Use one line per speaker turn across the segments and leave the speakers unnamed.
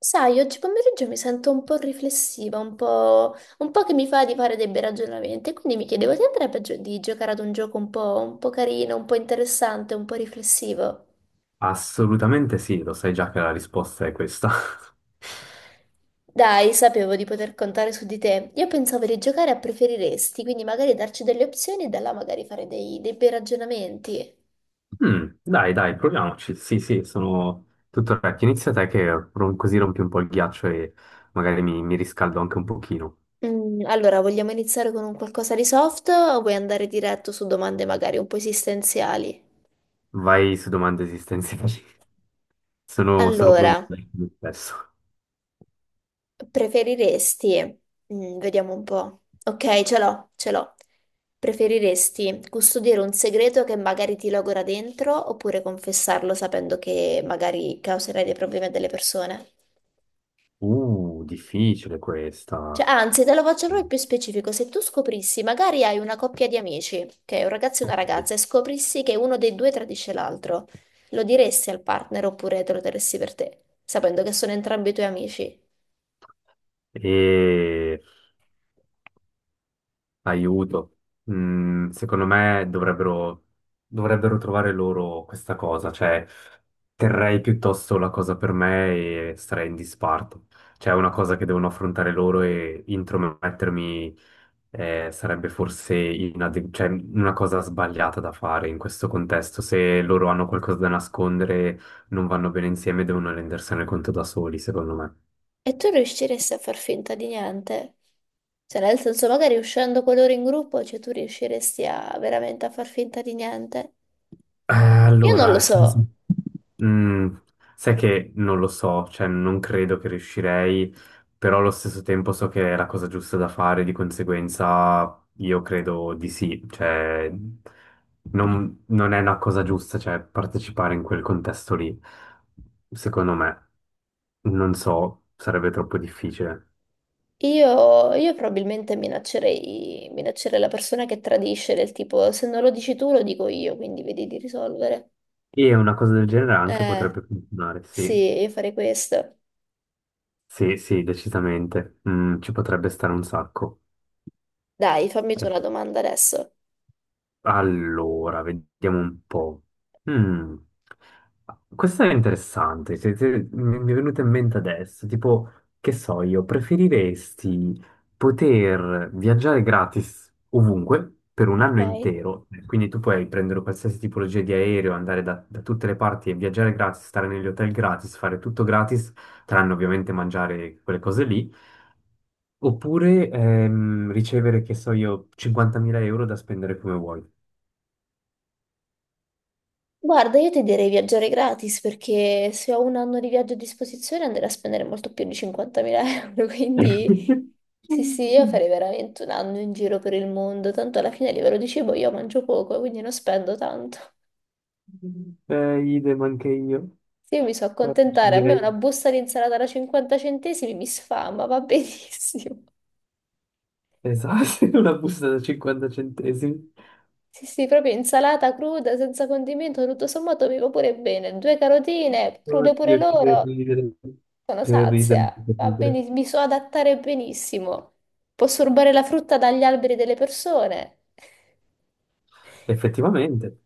Sai, oggi pomeriggio mi sento un po' riflessiva, un po' che mi fa di fare dei bei ragionamenti, quindi mi chiedevo, ti andrebbe di giocare ad un gioco un po' carino, un po' interessante, un po' riflessivo?
Assolutamente sì, lo sai già che la risposta è questa.
Dai, sapevo di poter contare su di te. Io pensavo di giocare a preferiresti, quindi magari darci delle opzioni e da là magari fare dei bei ragionamenti.
Dai, proviamoci. Sì, sono tutto orecchio. Inizia te che così rompi un po' il ghiaccio e magari mi riscaldo anche un pochino.
Allora, vogliamo iniziare con un qualcosa di soft o vuoi andare diretto su domande magari un po' esistenziali?
Vai su domande esistenziali. Sono crudele
Allora.
con me stesso.
Preferiresti, vediamo un po'. Ok, ce l'ho. Preferiresti custodire un segreto che magari ti logora dentro oppure confessarlo sapendo che magari causerai dei problemi a delle persone?
Difficile
Cioè,
questa.
anzi, te lo faccio proprio più specifico. Se tu scoprissi, magari hai una coppia di amici, ok, un ragazzo e una ragazza, e scoprissi che uno dei due tradisce l'altro, lo diresti al partner oppure te lo terresti per te, sapendo che sono entrambi i tuoi amici?
E... Aiuto. Mm, secondo me dovrebbero, Dovrebbero trovare loro questa cosa, cioè terrei piuttosto la cosa per me e starei in disparto. Cioè è una cosa che devono affrontare loro e intromettermi sarebbe forse cioè, una cosa sbagliata da fare in questo contesto. Se loro hanno qualcosa da nascondere, non vanno bene insieme, devono rendersene conto da soli, secondo me.
E tu riusciresti a far finta di niente? Cioè, nel senso, magari uscendo con loro in gruppo, cioè tu riusciresti a veramente a far finta di niente? Io non
Allora,
lo
nel
so.
Mm, sai che non lo so, cioè non credo che riuscirei, però allo stesso tempo so che è la cosa giusta da fare, di conseguenza io credo di sì, cioè non è una cosa giusta, cioè partecipare in quel contesto lì, secondo me, non so, sarebbe troppo difficile.
Io probabilmente minaccerei la persona che tradisce, del tipo, se non lo dici tu, lo dico io, quindi vedi di risolvere.
E una cosa del genere anche
Eh,
potrebbe funzionare,
sì,
sì,
io farei questo.
sì, decisamente. Mm, ci potrebbe stare un sacco.
Dai, fammi tu una domanda adesso.
Allora, vediamo un po'. Mm. Questa è interessante, mi è venuta in mente adesso, tipo, che so io, preferiresti poter viaggiare gratis ovunque per un anno
Ok?
intero, quindi tu puoi prendere qualsiasi tipologia di aereo, andare da tutte le parti e viaggiare gratis, stare negli hotel gratis, fare tutto gratis, tranne ovviamente mangiare quelle cose lì, oppure ricevere, che so io, 50.000 euro da spendere come vuoi.
Guarda, io ti direi viaggiare gratis perché se ho un anno di viaggio a disposizione andrei a spendere molto più di 50.000 euro, quindi sì, sì, io farei veramente un anno in giro per il mondo, tanto alla fine a livello di cibo io mangio poco, quindi non spendo tanto.
Idem anche io.
Sì, io mi so
Ci
accontentare, a me
direi,
una busta di insalata da 50 centesimi mi sfama, va benissimo.
esatto, una busta da 50 centesimi.
Sì, sì, proprio insalata cruda, senza condimento, tutto sommato mi va pure bene. Due carotine, crude pure
Oddio, che
loro.
ridere,
Sono
che ridere,
sazia,
che
va
ridere.
bene, mi so adattare benissimo. Posso rubare la frutta dagli alberi delle persone.
Effettivamente,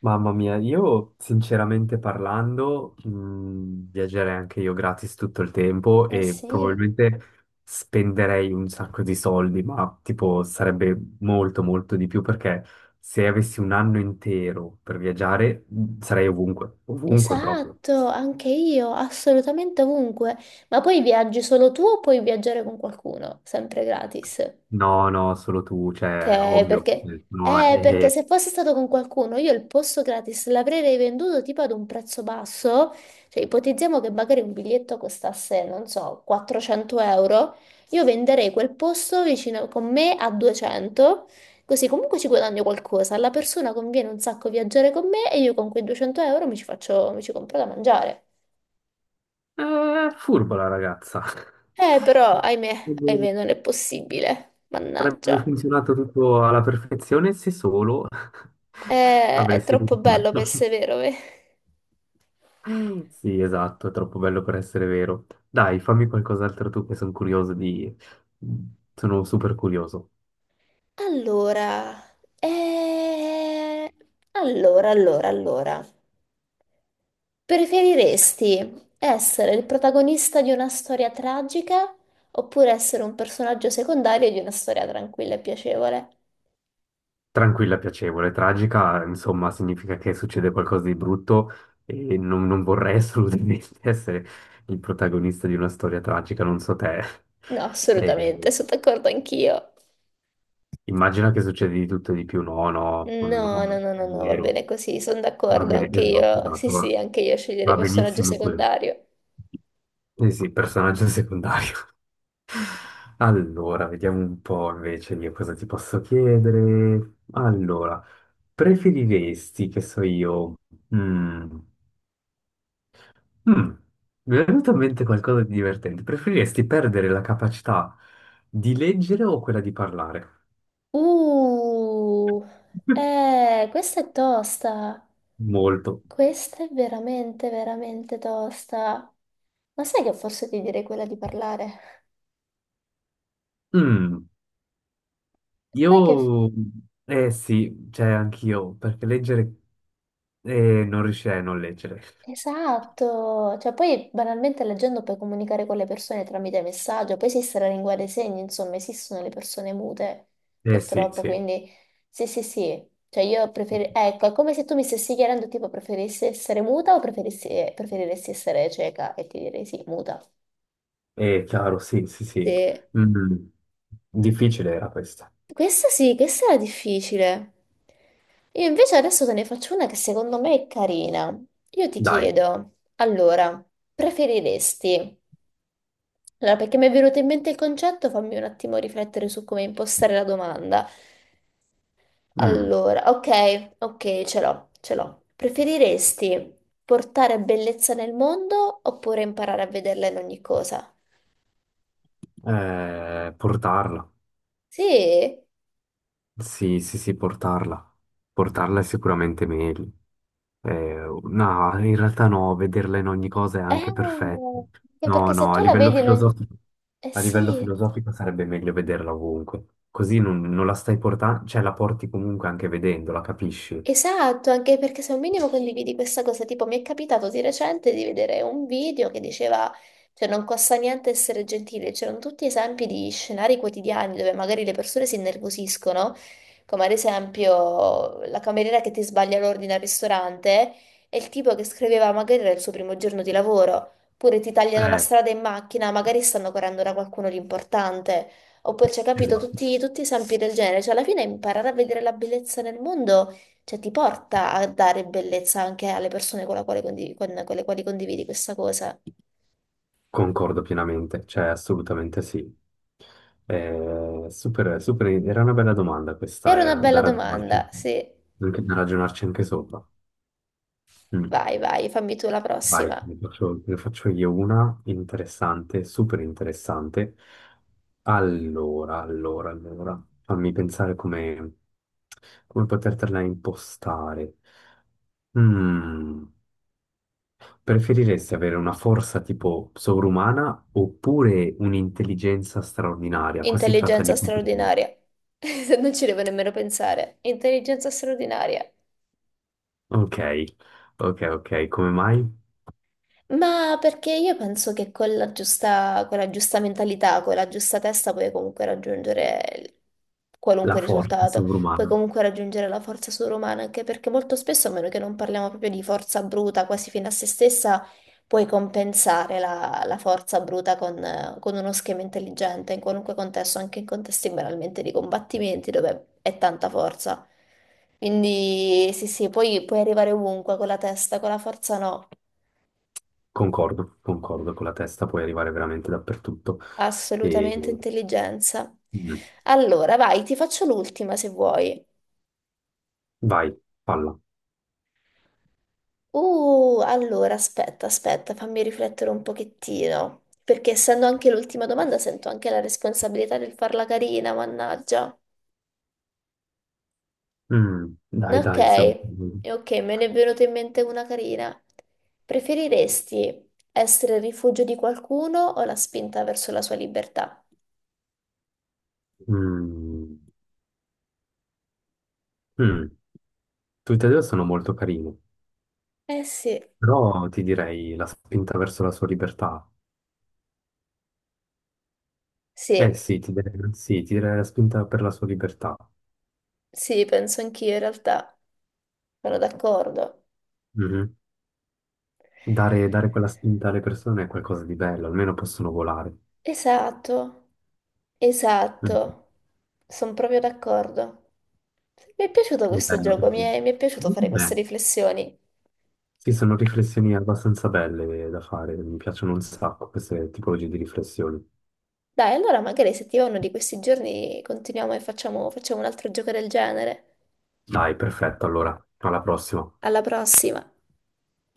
mamma mia, io sinceramente parlando, viaggerei anche io gratis tutto il tempo
Eh
e
sì,
probabilmente spenderei un sacco di soldi, ma tipo sarebbe molto molto di più perché se avessi un anno intero per viaggiare sarei ovunque, ovunque proprio.
esatto, anche io, assolutamente ovunque. Ma poi viaggi solo tu o puoi viaggiare con qualcuno? Sempre gratis.
No, no, solo tu, cioè,
Ok,
ovvio,
perché...
no,
Perché se fosse stato con qualcuno, io il posto gratis l'avrei venduto tipo ad un prezzo basso, cioè ipotizziamo che magari un biglietto costasse, non so, 400 euro, io venderei quel posto vicino con me a 200, così comunque ci guadagno qualcosa, alla persona conviene un sacco viaggiare con me e io con quei 200 euro mi ci faccio, mi ci compro da mangiare.
è furba la ragazza.
Però, ahimè, non è possibile,
Sarebbe
mannaggia.
funzionato tutto alla perfezione se solo
È
avresti
troppo
potuto
bello per
farlo.
essere vero, eh.
Sì, esatto, è troppo bello per essere vero. Dai, fammi qualcos'altro tu che sono curioso di... Sono super curioso.
Allora, eh, allora. Preferiresti essere il protagonista di una storia tragica oppure essere un personaggio secondario di una storia tranquilla e piacevole?
Tranquilla, piacevole, tragica, insomma, significa che succede qualcosa di brutto e non vorrei assolutamente essere il protagonista di una storia tragica, non so te.
No,
E
assolutamente, sono d'accordo anch'io.
immagina che succede di tutto e di più. No, no, no, no,
No, va
vero.
bene così, sono
Va
d'accordo
bene,
anche
esatto,
io. Sì,
esatto,
sì, anche io sceglierei
va
personaggio
benissimo così.
secondario.
Eh sì, personaggio secondario. Allora, vediamo un po' invece io cosa ti posso chiedere. Allora, preferiresti, che so io, mm, mm, mi è venuto in mente qualcosa di divertente. Preferiresti perdere la capacità di leggere o quella di parlare?
Uh, questa è tosta.
Molto.
Questa è veramente tosta. Ma sai che forse ti direi quella di parlare?
Mm,
Sai che...
io, eh sì, cioè anch'io, perché leggere e non riuscirei a non leggere.
Esatto. Cioè, poi banalmente leggendo puoi comunicare con le persone tramite messaggio, poi esiste la lingua dei segni, insomma, esistono le persone mute,
Eh sì,
purtroppo,
sì.
quindi sì. Cioè, io preferirei... Ecco, è come se tu mi stessi chiedendo, tipo, preferissi essere muta o preferissi... preferiresti essere cieca? E ti direi sì, muta.
È chiaro, sì, sì, sì.
Sì.
Mm. Difficile era questa.
Questa sì, questa era difficile. Io invece adesso te ne faccio una che secondo me è carina. Io ti
Dai.
chiedo, allora, preferiresti... Allora, perché mi è venuto in mente il concetto, fammi un attimo riflettere su come impostare la domanda.
Mm.
Allora, ok, ce l'ho. Preferiresti portare bellezza nel mondo oppure imparare a vederla in ogni cosa?
Portarla.
Sì?
Sì, sì, sì, portarla. Portarla è sicuramente meglio. No, in realtà no, vederla in ogni cosa è anche perfetto.
Anche
No,
perché se
no,
tu la vedi, non- eh
a livello
sì,
filosofico sarebbe meglio vederla ovunque. Così non la stai portando, cioè la porti comunque anche vedendola, capisci?
esatto, anche perché se un minimo condividi questa cosa, tipo mi è capitato di recente di vedere un video che diceva, cioè non costa niente essere gentile, c'erano tutti esempi di scenari quotidiani dove magari le persone si innervosiscono, come ad esempio la cameriera che ti sbaglia l'ordine al ristorante e il tipo che scriveva magari era il suo primo giorno di lavoro, oppure ti tagliano la
Eh,
strada in macchina, magari stanno correndo da qualcuno di importante, oppure c'è capito
esatto.
tutti esempi del genere, cioè alla fine imparare a vedere la bellezza nel mondo. Cioè, ti porta a dare bellezza anche alle persone con le quali condividi questa cosa.
Concordo pienamente, cioè assolutamente sì. Super, super, era una bella domanda
Era una
questa,
bella domanda, sì.
da ragionarci anche sopra. Mm.
Vai, vai, fammi tu la
Vai,
prossima.
ne faccio io una interessante, super interessante. Allora, fammi pensare come potertela impostare. Mm. Preferiresti avere una forza tipo sovrumana oppure un'intelligenza straordinaria? Qua si tratta
Intelligenza
di...
straordinaria. Non ci devo nemmeno pensare. Intelligenza straordinaria.
Ok, ok, come mai?
Ma perché io penso che con la giusta mentalità, con la giusta testa puoi comunque raggiungere
La
qualunque
forza
risultato, puoi
sovrumana.
comunque raggiungere la forza sovrumana, anche perché molto spesso, a meno che non parliamo proprio di forza bruta, quasi fino a se stessa, puoi compensare la forza bruta con uno schema intelligente, in qualunque contesto, anche in contesti banalmente di combattimenti dove è tanta forza. Quindi sì, sì, poi puoi arrivare ovunque con la testa, con la forza no.
Concordo, concordo, con la testa puoi arrivare veramente dappertutto. E...
Assolutamente intelligenza.
mm,
Allora, vai, ti faccio l'ultima se vuoi.
Vai, palla.
Allora, aspetta, fammi riflettere un pochettino, perché essendo anche l'ultima domanda sento anche la responsabilità del farla carina, mannaggia.
Mm, dai,
Ok,
dai, sono...
me ne è venuta in mente una carina. Preferiresti essere il rifugio di qualcuno o la spinta verso la sua libertà?
Mm, mm. Tutte e due sono molto carine,
Eh sì,
però ti direi la spinta verso la sua libertà. Eh
sì,
sì, sì, ti deve la spinta per la sua libertà.
sì, penso anch'io in realtà, sono d'accordo.
Mhm. Dare quella spinta alle persone è qualcosa di bello, almeno possono volare.
Esatto,
Mhm.
esatto, sono proprio d'accordo. Mi è piaciuto questo
Bello,
gioco,
quindi.
mi è piaciuto fare queste
Beh,
riflessioni.
sì, sono riflessioni abbastanza belle da fare, mi piacciono un sacco queste tipologie di riflessioni.
Dai, allora magari se ti va uno di questi giorni continuiamo e facciamo un altro gioco del genere.
Dai, perfetto, allora, alla prossima.
Alla prossima!